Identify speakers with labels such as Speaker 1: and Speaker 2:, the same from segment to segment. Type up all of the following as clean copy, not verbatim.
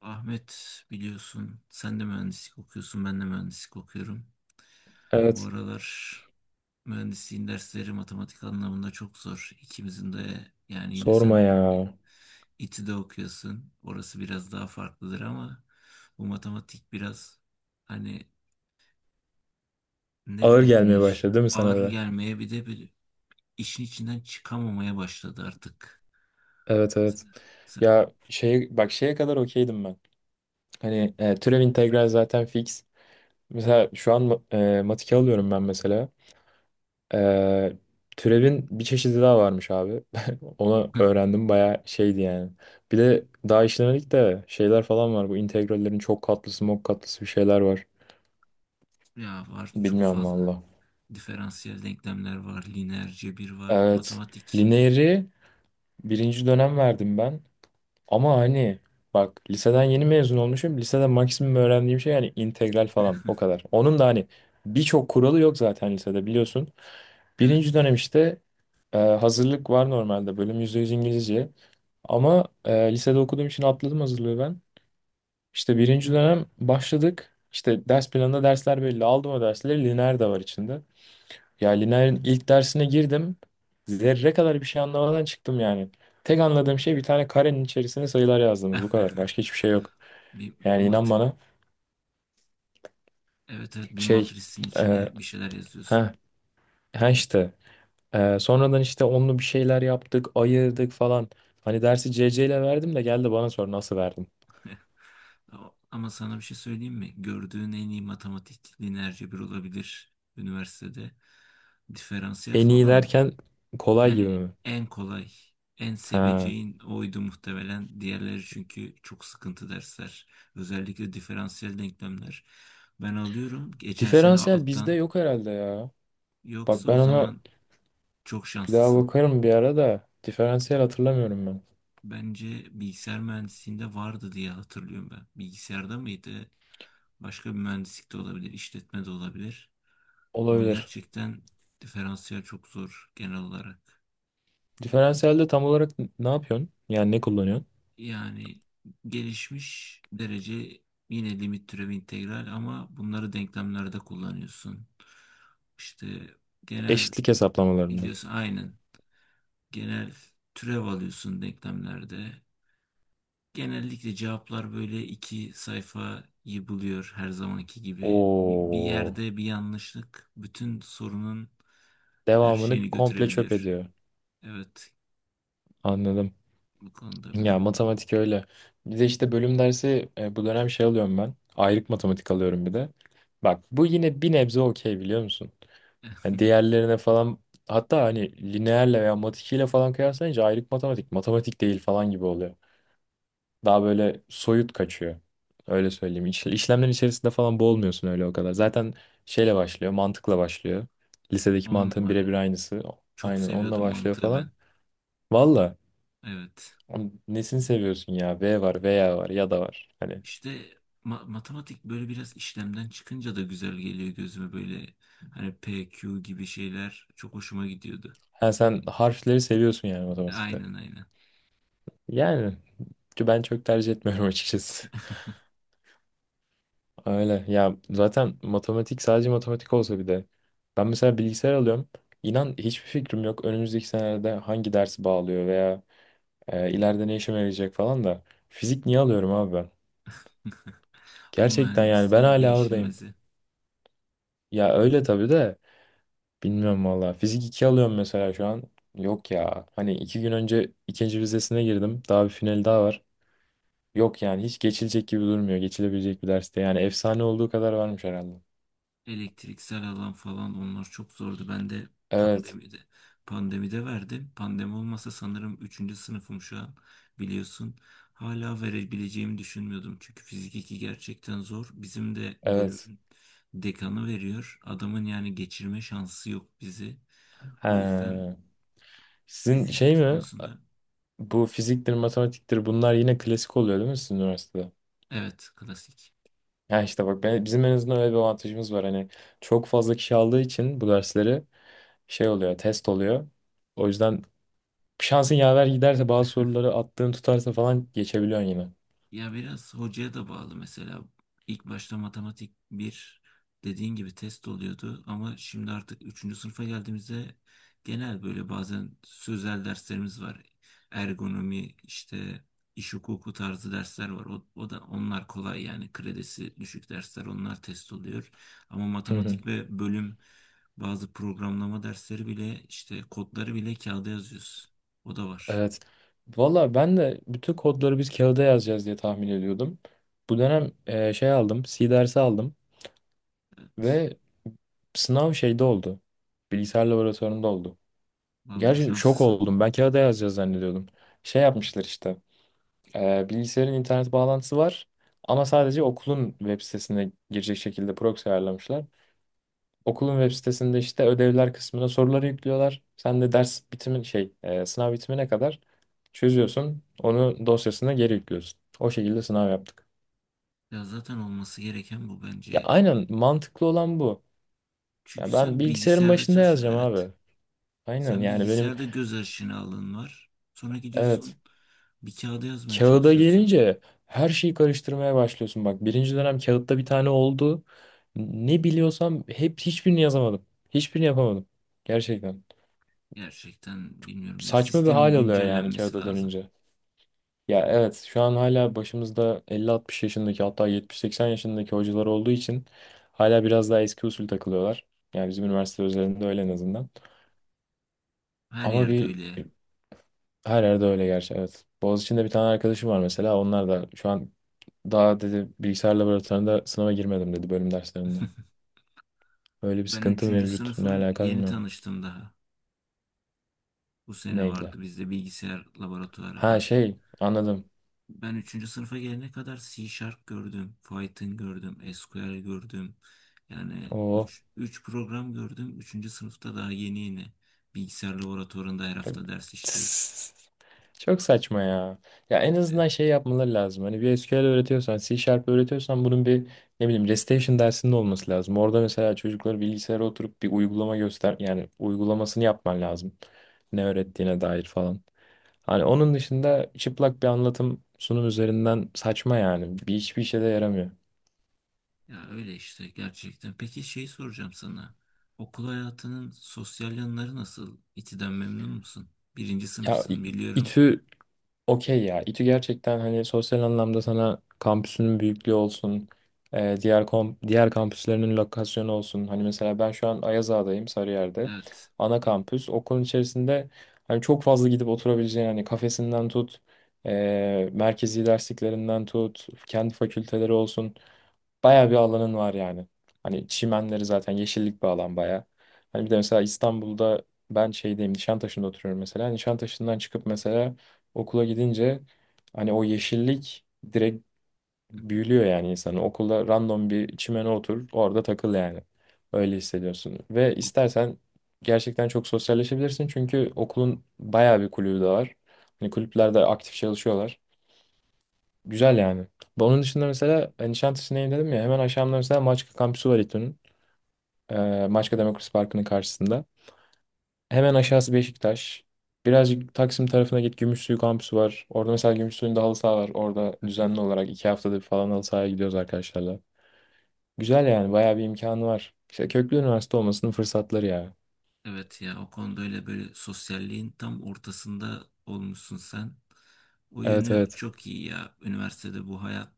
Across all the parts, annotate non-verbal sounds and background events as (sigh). Speaker 1: Ahmet biliyorsun sen de mühendislik okuyorsun ben de mühendislik okuyorum. Bu
Speaker 2: Evet.
Speaker 1: aralar mühendisliğin dersleri matematik anlamında çok zor. İkimizin de yani yine
Speaker 2: Sorma
Speaker 1: sen
Speaker 2: ya.
Speaker 1: İ- İTÜ'de okuyorsun. Orası biraz daha farklıdır ama bu matematik biraz hani ne
Speaker 2: Ağır gelmeye
Speaker 1: denir
Speaker 2: başladı değil mi sana
Speaker 1: ağır
Speaker 2: da?
Speaker 1: gelmeye bir işin içinden çıkamamaya başladı artık.
Speaker 2: Evet, evet.
Speaker 1: Sen-
Speaker 2: Ya şey bak şeye kadar okeydim ben. Hani türev integral zaten fix. Mesela şu an matike alıyorum ben mesela. E, Türevin bir çeşidi daha varmış abi. (laughs) Onu
Speaker 1: (laughs)
Speaker 2: öğrendim bayağı şeydi yani. Bir de daha işlemedik de şeyler falan var. Bu integrallerin çok katlısı, mok katlısı bir şeyler var.
Speaker 1: ya var çok
Speaker 2: Bilmiyorum
Speaker 1: fazla.
Speaker 2: valla.
Speaker 1: Diferansiyel denklemler var, lineer cebir var,
Speaker 2: Evet.
Speaker 1: matematik.
Speaker 2: Lineeri birinci dönem verdim ben. Ama hani bak liseden yeni mezun olmuşum. Lisede maksimum öğrendiğim şey yani integral falan o kadar. Onun da hani birçok kuralı yok zaten lisede biliyorsun.
Speaker 1: Evet,
Speaker 2: Birinci
Speaker 1: evet.
Speaker 2: dönem işte hazırlık var, normalde bölüm %100 İngilizce. Ama lisede okuduğum için atladım hazırlığı ben. İşte birinci dönem başladık. İşte ders planında dersler belli. Aldım o dersleri. Lineer de var içinde. Ya Lineer'in ilk dersine girdim. Zerre kadar bir şey anlamadan çıktım yani. Tek anladığım şey bir tane karenin içerisine sayılar yazdığımız, bu kadar.
Speaker 1: (laughs)
Speaker 2: Başka hiçbir şey yok.
Speaker 1: Bir
Speaker 2: Yani inan
Speaker 1: mat
Speaker 2: bana
Speaker 1: evet, evet, bir
Speaker 2: şey
Speaker 1: matrisin
Speaker 2: e,
Speaker 1: içine bir şeyler yazıyorsun.
Speaker 2: ha ha işte sonradan işte onlu bir şeyler yaptık, ayırdık falan. Hani dersi C ile verdim de geldi bana sor nasıl verdim.
Speaker 1: (laughs) Ama sana bir şey söyleyeyim mi? Gördüğün en iyi matematik lineer cebir olabilir üniversitede. Diferansiyel
Speaker 2: En iyi
Speaker 1: falan
Speaker 2: derken kolay
Speaker 1: yani
Speaker 2: gibi mi?
Speaker 1: en kolay, en
Speaker 2: Ha.
Speaker 1: seveceğin oydu muhtemelen. Diğerleri çünkü çok sıkıntı dersler. Özellikle diferansiyel denklemler. Ben alıyorum. Geçen sene
Speaker 2: Diferansiyel bizde
Speaker 1: alttan.
Speaker 2: yok herhalde ya. Bak
Speaker 1: Yoksa o
Speaker 2: ben ona
Speaker 1: zaman çok
Speaker 2: bir daha
Speaker 1: şanslısın.
Speaker 2: bakarım bir ara da, diferansiyel hatırlamıyorum ben.
Speaker 1: Bence bilgisayar mühendisliğinde vardı diye hatırlıyorum ben. Bilgisayarda mıydı? Başka bir mühendislik de olabilir, işletme de olabilir. Ama
Speaker 2: Olabilir.
Speaker 1: gerçekten diferansiyel çok zor genel olarak.
Speaker 2: Diferansiyelde tam olarak ne yapıyorsun? Yani ne kullanıyorsun?
Speaker 1: Yani gelişmiş derece yine limit türevi integral ama bunları denklemlerde kullanıyorsun. İşte genel
Speaker 2: Eşitlik hesaplamalarını.
Speaker 1: biliyorsun aynen genel türev alıyorsun denklemlerde. Genellikle cevaplar böyle iki sayfayı buluyor her zamanki gibi. Bir
Speaker 2: Oo,
Speaker 1: yerde bir yanlışlık bütün sorunun her
Speaker 2: devamını
Speaker 1: şeyini
Speaker 2: komple çöp
Speaker 1: götürebiliyor.
Speaker 2: ediyor.
Speaker 1: Evet,
Speaker 2: Anladım.
Speaker 1: bu konuda böyle.
Speaker 2: Ya
Speaker 1: (laughs)
Speaker 2: matematik öyle. Bir de işte bölüm dersi, bu dönem şey alıyorum ben. Ayrık matematik alıyorum bir de. Bak bu yine bir nebze okey, biliyor musun? Hani diğerlerine falan, hatta hani lineerle veya matikiyle falan kıyaslayınca ayrık matematik matematik değil falan gibi oluyor. Daha böyle soyut kaçıyor. Öyle söyleyeyim. İşlemlerin içerisinde falan boğulmuyorsun öyle o kadar. Zaten şeyle başlıyor, mantıkla başlıyor. Lisedeki
Speaker 1: On
Speaker 2: mantığın birebir
Speaker 1: numara.
Speaker 2: aynısı.
Speaker 1: Çok
Speaker 2: Aynen onunla
Speaker 1: seviyordum
Speaker 2: başlıyor
Speaker 1: mantığı ben.
Speaker 2: falan. Valla
Speaker 1: Evet.
Speaker 2: nesini seviyorsun ya? V var, veya var, ya da var. Hani
Speaker 1: İşte matematik böyle biraz işlemden çıkınca da güzel geliyor gözüme böyle hani P, Q gibi şeyler çok hoşuma gidiyordu.
Speaker 2: ha, sen harfleri seviyorsun yani matematikte.
Speaker 1: Aynen, aynen.
Speaker 2: Yani ben çok tercih etmiyorum (laughs) açıkçası. Öyle. Ya zaten matematik sadece matematik olsa bir de. Ben mesela bilgisayar alıyorum. İnan hiçbir fikrim yok. Önümüzdeki senelerde hangi dersi bağlıyor veya ileride ne işime yarayacak falan da. Fizik niye alıyorum abi ben?
Speaker 1: O
Speaker 2: Gerçekten yani ben
Speaker 1: mühendisliğin
Speaker 2: hala oradayım.
Speaker 1: değişilmezi.
Speaker 2: Ya öyle tabii de bilmiyorum valla. Fizik 2 alıyorum mesela şu an. Yok ya. Hani 2 gün önce ikinci vizesine girdim. Daha bir final daha var. Yok yani, hiç geçilecek gibi durmuyor. Geçilebilecek bir derste. Yani efsane olduğu kadar varmış herhalde.
Speaker 1: Elektriksel alan falan onlar çok zordu. Ben de
Speaker 2: Evet.
Speaker 1: pandemide pandemide verdim. Pandemi olmasa sanırım üçüncü sınıfım şu an biliyorsun. Hala verebileceğimi düşünmüyordum. Çünkü fizik 2 gerçekten zor. Bizim de
Speaker 2: Evet.
Speaker 1: bölümün dekanı veriyor. Adamın yani geçirme şansı yok bizi. O yüzden
Speaker 2: He. Sizin
Speaker 1: fizik
Speaker 2: şey
Speaker 1: 2
Speaker 2: mi?
Speaker 1: konusunda
Speaker 2: Bu fiziktir, matematiktir, bunlar yine klasik oluyor değil mi sizin üniversitede?
Speaker 1: evet, klasik.
Speaker 2: Ya işte bak ben, bizim en azından öyle bir avantajımız var. Hani çok fazla kişi aldığı için bu dersleri şey oluyor, test oluyor. O yüzden şansın yaver giderse, bazı soruları attığın tutarsa falan, geçebiliyorsun yine.
Speaker 1: Ya biraz hocaya da bağlı mesela. İlk başta matematik bir dediğin gibi test oluyordu ama şimdi artık üçüncü sınıfa geldiğimizde genel böyle bazen sözel derslerimiz var. Ergonomi işte iş hukuku tarzı dersler var. O da onlar kolay yani kredisi düşük dersler onlar test oluyor. Ama matematik
Speaker 2: (laughs)
Speaker 1: ve bölüm bazı programlama dersleri bile işte kodları bile kağıda yazıyoruz. O da var.
Speaker 2: Evet. Valla ben de bütün kodları biz kağıda yazacağız diye tahmin ediyordum. Bu dönem şey aldım, C dersi aldım
Speaker 1: Evet.
Speaker 2: ve sınav şeyde oldu. Bilgisayar laboratuvarında oldu.
Speaker 1: Vallahi
Speaker 2: Gerçi şok
Speaker 1: şanslısın.
Speaker 2: oldum. Ben kağıda yazacağız zannediyordum. Şey yapmışlar işte. E, bilgisayarın internet bağlantısı var ama sadece okulun web sitesine girecek şekilde proxy ayarlamışlar. Okulun web sitesinde işte ödevler kısmına soruları yüklüyorlar. Sen de ders bitimin sınav bitimine kadar çözüyorsun. Onu dosyasına geri yüklüyorsun. O şekilde sınav yaptık.
Speaker 1: Ya zaten olması gereken bu
Speaker 2: Ya
Speaker 1: bence.
Speaker 2: aynen, mantıklı olan bu. Ya
Speaker 1: Çünkü
Speaker 2: ben
Speaker 1: sen
Speaker 2: bilgisayarın
Speaker 1: bilgisayarda
Speaker 2: başında
Speaker 1: çalışıyorsun.
Speaker 2: yazacağım
Speaker 1: Evet.
Speaker 2: abi. Aynen
Speaker 1: Sen
Speaker 2: yani benim,
Speaker 1: bilgisayarda göz aşina alın var. Sonra
Speaker 2: evet,
Speaker 1: gidiyorsun bir kağıda yazmaya
Speaker 2: kağıda
Speaker 1: çalışıyorsun.
Speaker 2: gelince her şeyi karıştırmaya başlıyorsun. Bak birinci dönem kağıtta bir tane oldu. Ne biliyorsam hep, hiçbirini yazamadım. Hiçbirini yapamadım. Gerçekten.
Speaker 1: Gerçekten bilmiyorum ya.
Speaker 2: Saçma bir
Speaker 1: Sistemin
Speaker 2: hal alıyor yani
Speaker 1: güncellenmesi
Speaker 2: kağıda
Speaker 1: lazım.
Speaker 2: dönünce. Ya evet, şu an hala başımızda 50-60 yaşındaki, hatta 70-80 yaşındaki hocalar olduğu için hala biraz daha eski usul takılıyorlar. Yani bizim üniversite özelinde öyle, en azından.
Speaker 1: Her
Speaker 2: Ama
Speaker 1: yerde
Speaker 2: bir,
Speaker 1: öyle.
Speaker 2: her yerde öyle gerçi, evet. Boğaziçi'nde bir tane arkadaşım var mesela, onlar da şu an daha dedi bilgisayar laboratuvarında sınava girmedim dedi bölüm derslerinde. Öyle bir
Speaker 1: Ben
Speaker 2: sıkıntı
Speaker 1: üçüncü
Speaker 2: mevcut. Ne
Speaker 1: sınıfım
Speaker 2: alaka,
Speaker 1: yeni
Speaker 2: bilmiyorum.
Speaker 1: tanıştım daha. Bu sene
Speaker 2: Neyle?
Speaker 1: vardı bizde bilgisayar laboratuvarı.
Speaker 2: Ha,
Speaker 1: Bak,
Speaker 2: şey, anladım.
Speaker 1: ben üçüncü sınıfa gelene kadar C Sharp gördüm, Python gördüm, SQL gördüm. Yani
Speaker 2: Oo.
Speaker 1: üç program gördüm. Üçüncü sınıfta daha yeni yeni bilgisayar laboratuvarında her hafta ders işliyoruz.
Speaker 2: (laughs) Çok saçma ya. Ya en
Speaker 1: E,
Speaker 2: azından şey yapmaları lazım. Hani bir SQL öğretiyorsan, C Sharp öğretiyorsan, bunun bir ne bileyim Restation dersinde olması lazım. Orada mesela çocuklara bilgisayara oturup bir uygulama göster, yani uygulamasını yapman lazım. Ne öğrettiğine dair falan. Hani onun dışında çıplak bir anlatım sunum üzerinden saçma yani. Bir hiçbir işe de yaramıyor.
Speaker 1: Ya öyle işte gerçekten. Peki şey soracağım sana. Okul hayatının sosyal yanları nasıl? İTÜ'den memnun musun? Birinci
Speaker 2: Ya
Speaker 1: sınıfsın biliyorum.
Speaker 2: İTÜ okey ya. İTÜ gerçekten hani sosyal anlamda sana, kampüsünün büyüklüğü olsun, diğer diğer kampüslerinin lokasyonu olsun. Hani mesela ben şu an Ayazağa'dayım, Sarıyer'de.
Speaker 1: Evet.
Speaker 2: Ana kampüs. Okulun içerisinde hani çok fazla gidip oturabileceğin, hani kafesinden tut, merkezi dersliklerinden tut, kendi fakülteleri olsun. Bayağı bir alanın var yani. Hani çimenleri zaten, yeşillik bir alan bayağı. Hani bir de mesela İstanbul'da, ben şeydeyim, Nişantaşı'nda oturuyorum mesela. Nişantaşı'ndan çıkıp mesela okula gidince hani o yeşillik direkt büyülüyor yani insanı. Okulda random bir çimene otur, orada takıl yani. Öyle hissediyorsun. Ve istersen gerçekten çok sosyalleşebilirsin. Çünkü okulun bayağı bir kulübü de var. Hani kulüplerde aktif çalışıyorlar. Güzel yani. Onun dışında mesela hani Nişantaşı'ndayım dedim ya, hemen aşağımda mesela Maçka kampüsü var İTÜ'nün. Maçka Demokrasi Parkı'nın karşısında. Hemen aşağısı Beşiktaş. Birazcık Taksim tarafına git, Gümüşsuyu kampüsü var. Orada mesela Gümüşsuyu'nda halı saha var. Orada
Speaker 1: (laughs)
Speaker 2: düzenli olarak 2 haftadır falan halı sahaya gidiyoruz arkadaşlarla. Güzel yani, bayağı bir imkanı var. İşte köklü üniversite olmasının fırsatları ya.
Speaker 1: Evet ya, o konu böyle böyle sosyalliğin tam ortasında olmuşsun sen. O
Speaker 2: Evet,
Speaker 1: yönü
Speaker 2: evet.
Speaker 1: çok iyi ya. Üniversitede bu hayat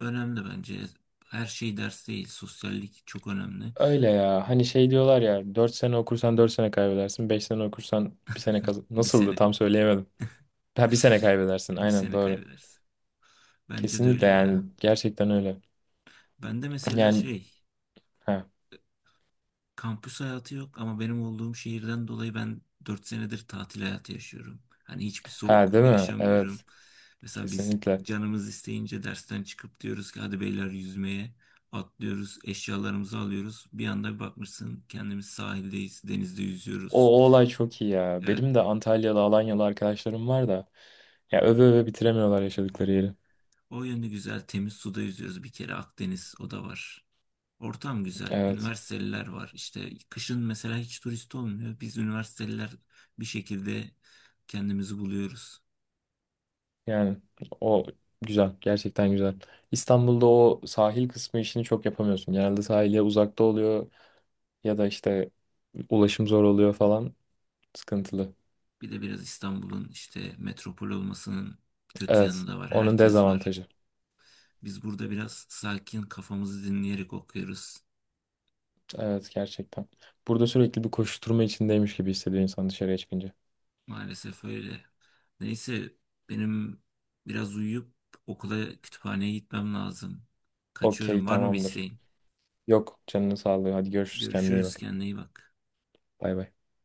Speaker 1: önemli bence. Her şey ders değil. Sosyallik çok önemli.
Speaker 2: Öyle ya. Hani şey diyorlar ya, 4 sene okursan 4 sene kaybedersin, 5 sene okursan bir sene kaz...
Speaker 1: Bir
Speaker 2: Nasıldı,
Speaker 1: sene,
Speaker 2: tam söyleyemedim. Ha, bir sene
Speaker 1: (laughs)
Speaker 2: kaybedersin.
Speaker 1: bir
Speaker 2: Aynen,
Speaker 1: sene
Speaker 2: doğru.
Speaker 1: kaybedersin. Bence de
Speaker 2: Kesinlikle
Speaker 1: öyle
Speaker 2: yani,
Speaker 1: ya.
Speaker 2: gerçekten öyle.
Speaker 1: Ben de mesela
Speaker 2: Yani
Speaker 1: şey
Speaker 2: ha,
Speaker 1: Kampüs hayatı yok ama benim olduğum şehirden dolayı ben 4 senedir tatil hayatı yaşıyorum. Hani hiçbir
Speaker 2: ha
Speaker 1: soğuk
Speaker 2: değil mi?
Speaker 1: yaşamıyorum.
Speaker 2: Evet.
Speaker 1: Mesela biz
Speaker 2: Kesinlikle.
Speaker 1: canımız isteyince dersten çıkıp diyoruz ki hadi beyler yüzmeye atlıyoruz, eşyalarımızı alıyoruz. Bir anda bir bakmışsın kendimiz sahildeyiz, denizde
Speaker 2: O,
Speaker 1: yüzüyoruz.
Speaker 2: o olay çok iyi ya.
Speaker 1: Evet,
Speaker 2: Benim de Antalyalı, Alanyalı arkadaşlarım var da ya, öve öve bitiremiyorlar yaşadıkları yeri.
Speaker 1: o yönde güzel temiz suda yüzüyoruz bir kere Akdeniz o da var. Ortam güzel.
Speaker 2: Evet.
Speaker 1: Üniversiteliler var. İşte kışın mesela hiç turist olmuyor. Biz üniversiteliler bir şekilde kendimizi buluyoruz.
Speaker 2: Yani o güzel. Gerçekten güzel. İstanbul'da o sahil kısmı işini çok yapamıyorsun. Genelde sahile uzakta oluyor ya da işte ulaşım zor oluyor falan. Sıkıntılı.
Speaker 1: Bir de biraz İstanbul'un işte metropol olmasının kötü
Speaker 2: Evet.
Speaker 1: yanı da var.
Speaker 2: Onun
Speaker 1: Herkes var.
Speaker 2: dezavantajı.
Speaker 1: Biz burada biraz sakin kafamızı dinleyerek okuyoruz.
Speaker 2: Evet, gerçekten. Burada sürekli bir koşturma içindeymiş gibi hissediyor insan dışarıya çıkınca.
Speaker 1: Maalesef öyle. Neyse, benim biraz uyuyup okula kütüphaneye gitmem lazım. Kaçıyorum.
Speaker 2: Okey,
Speaker 1: Var mı bir
Speaker 2: tamamdır.
Speaker 1: isteğin?
Speaker 2: Yok, canını sağlığı. Hadi görüşürüz. Kendine iyi
Speaker 1: Görüşürüz.
Speaker 2: bak.
Speaker 1: Kendine iyi bak.
Speaker 2: Bay bay.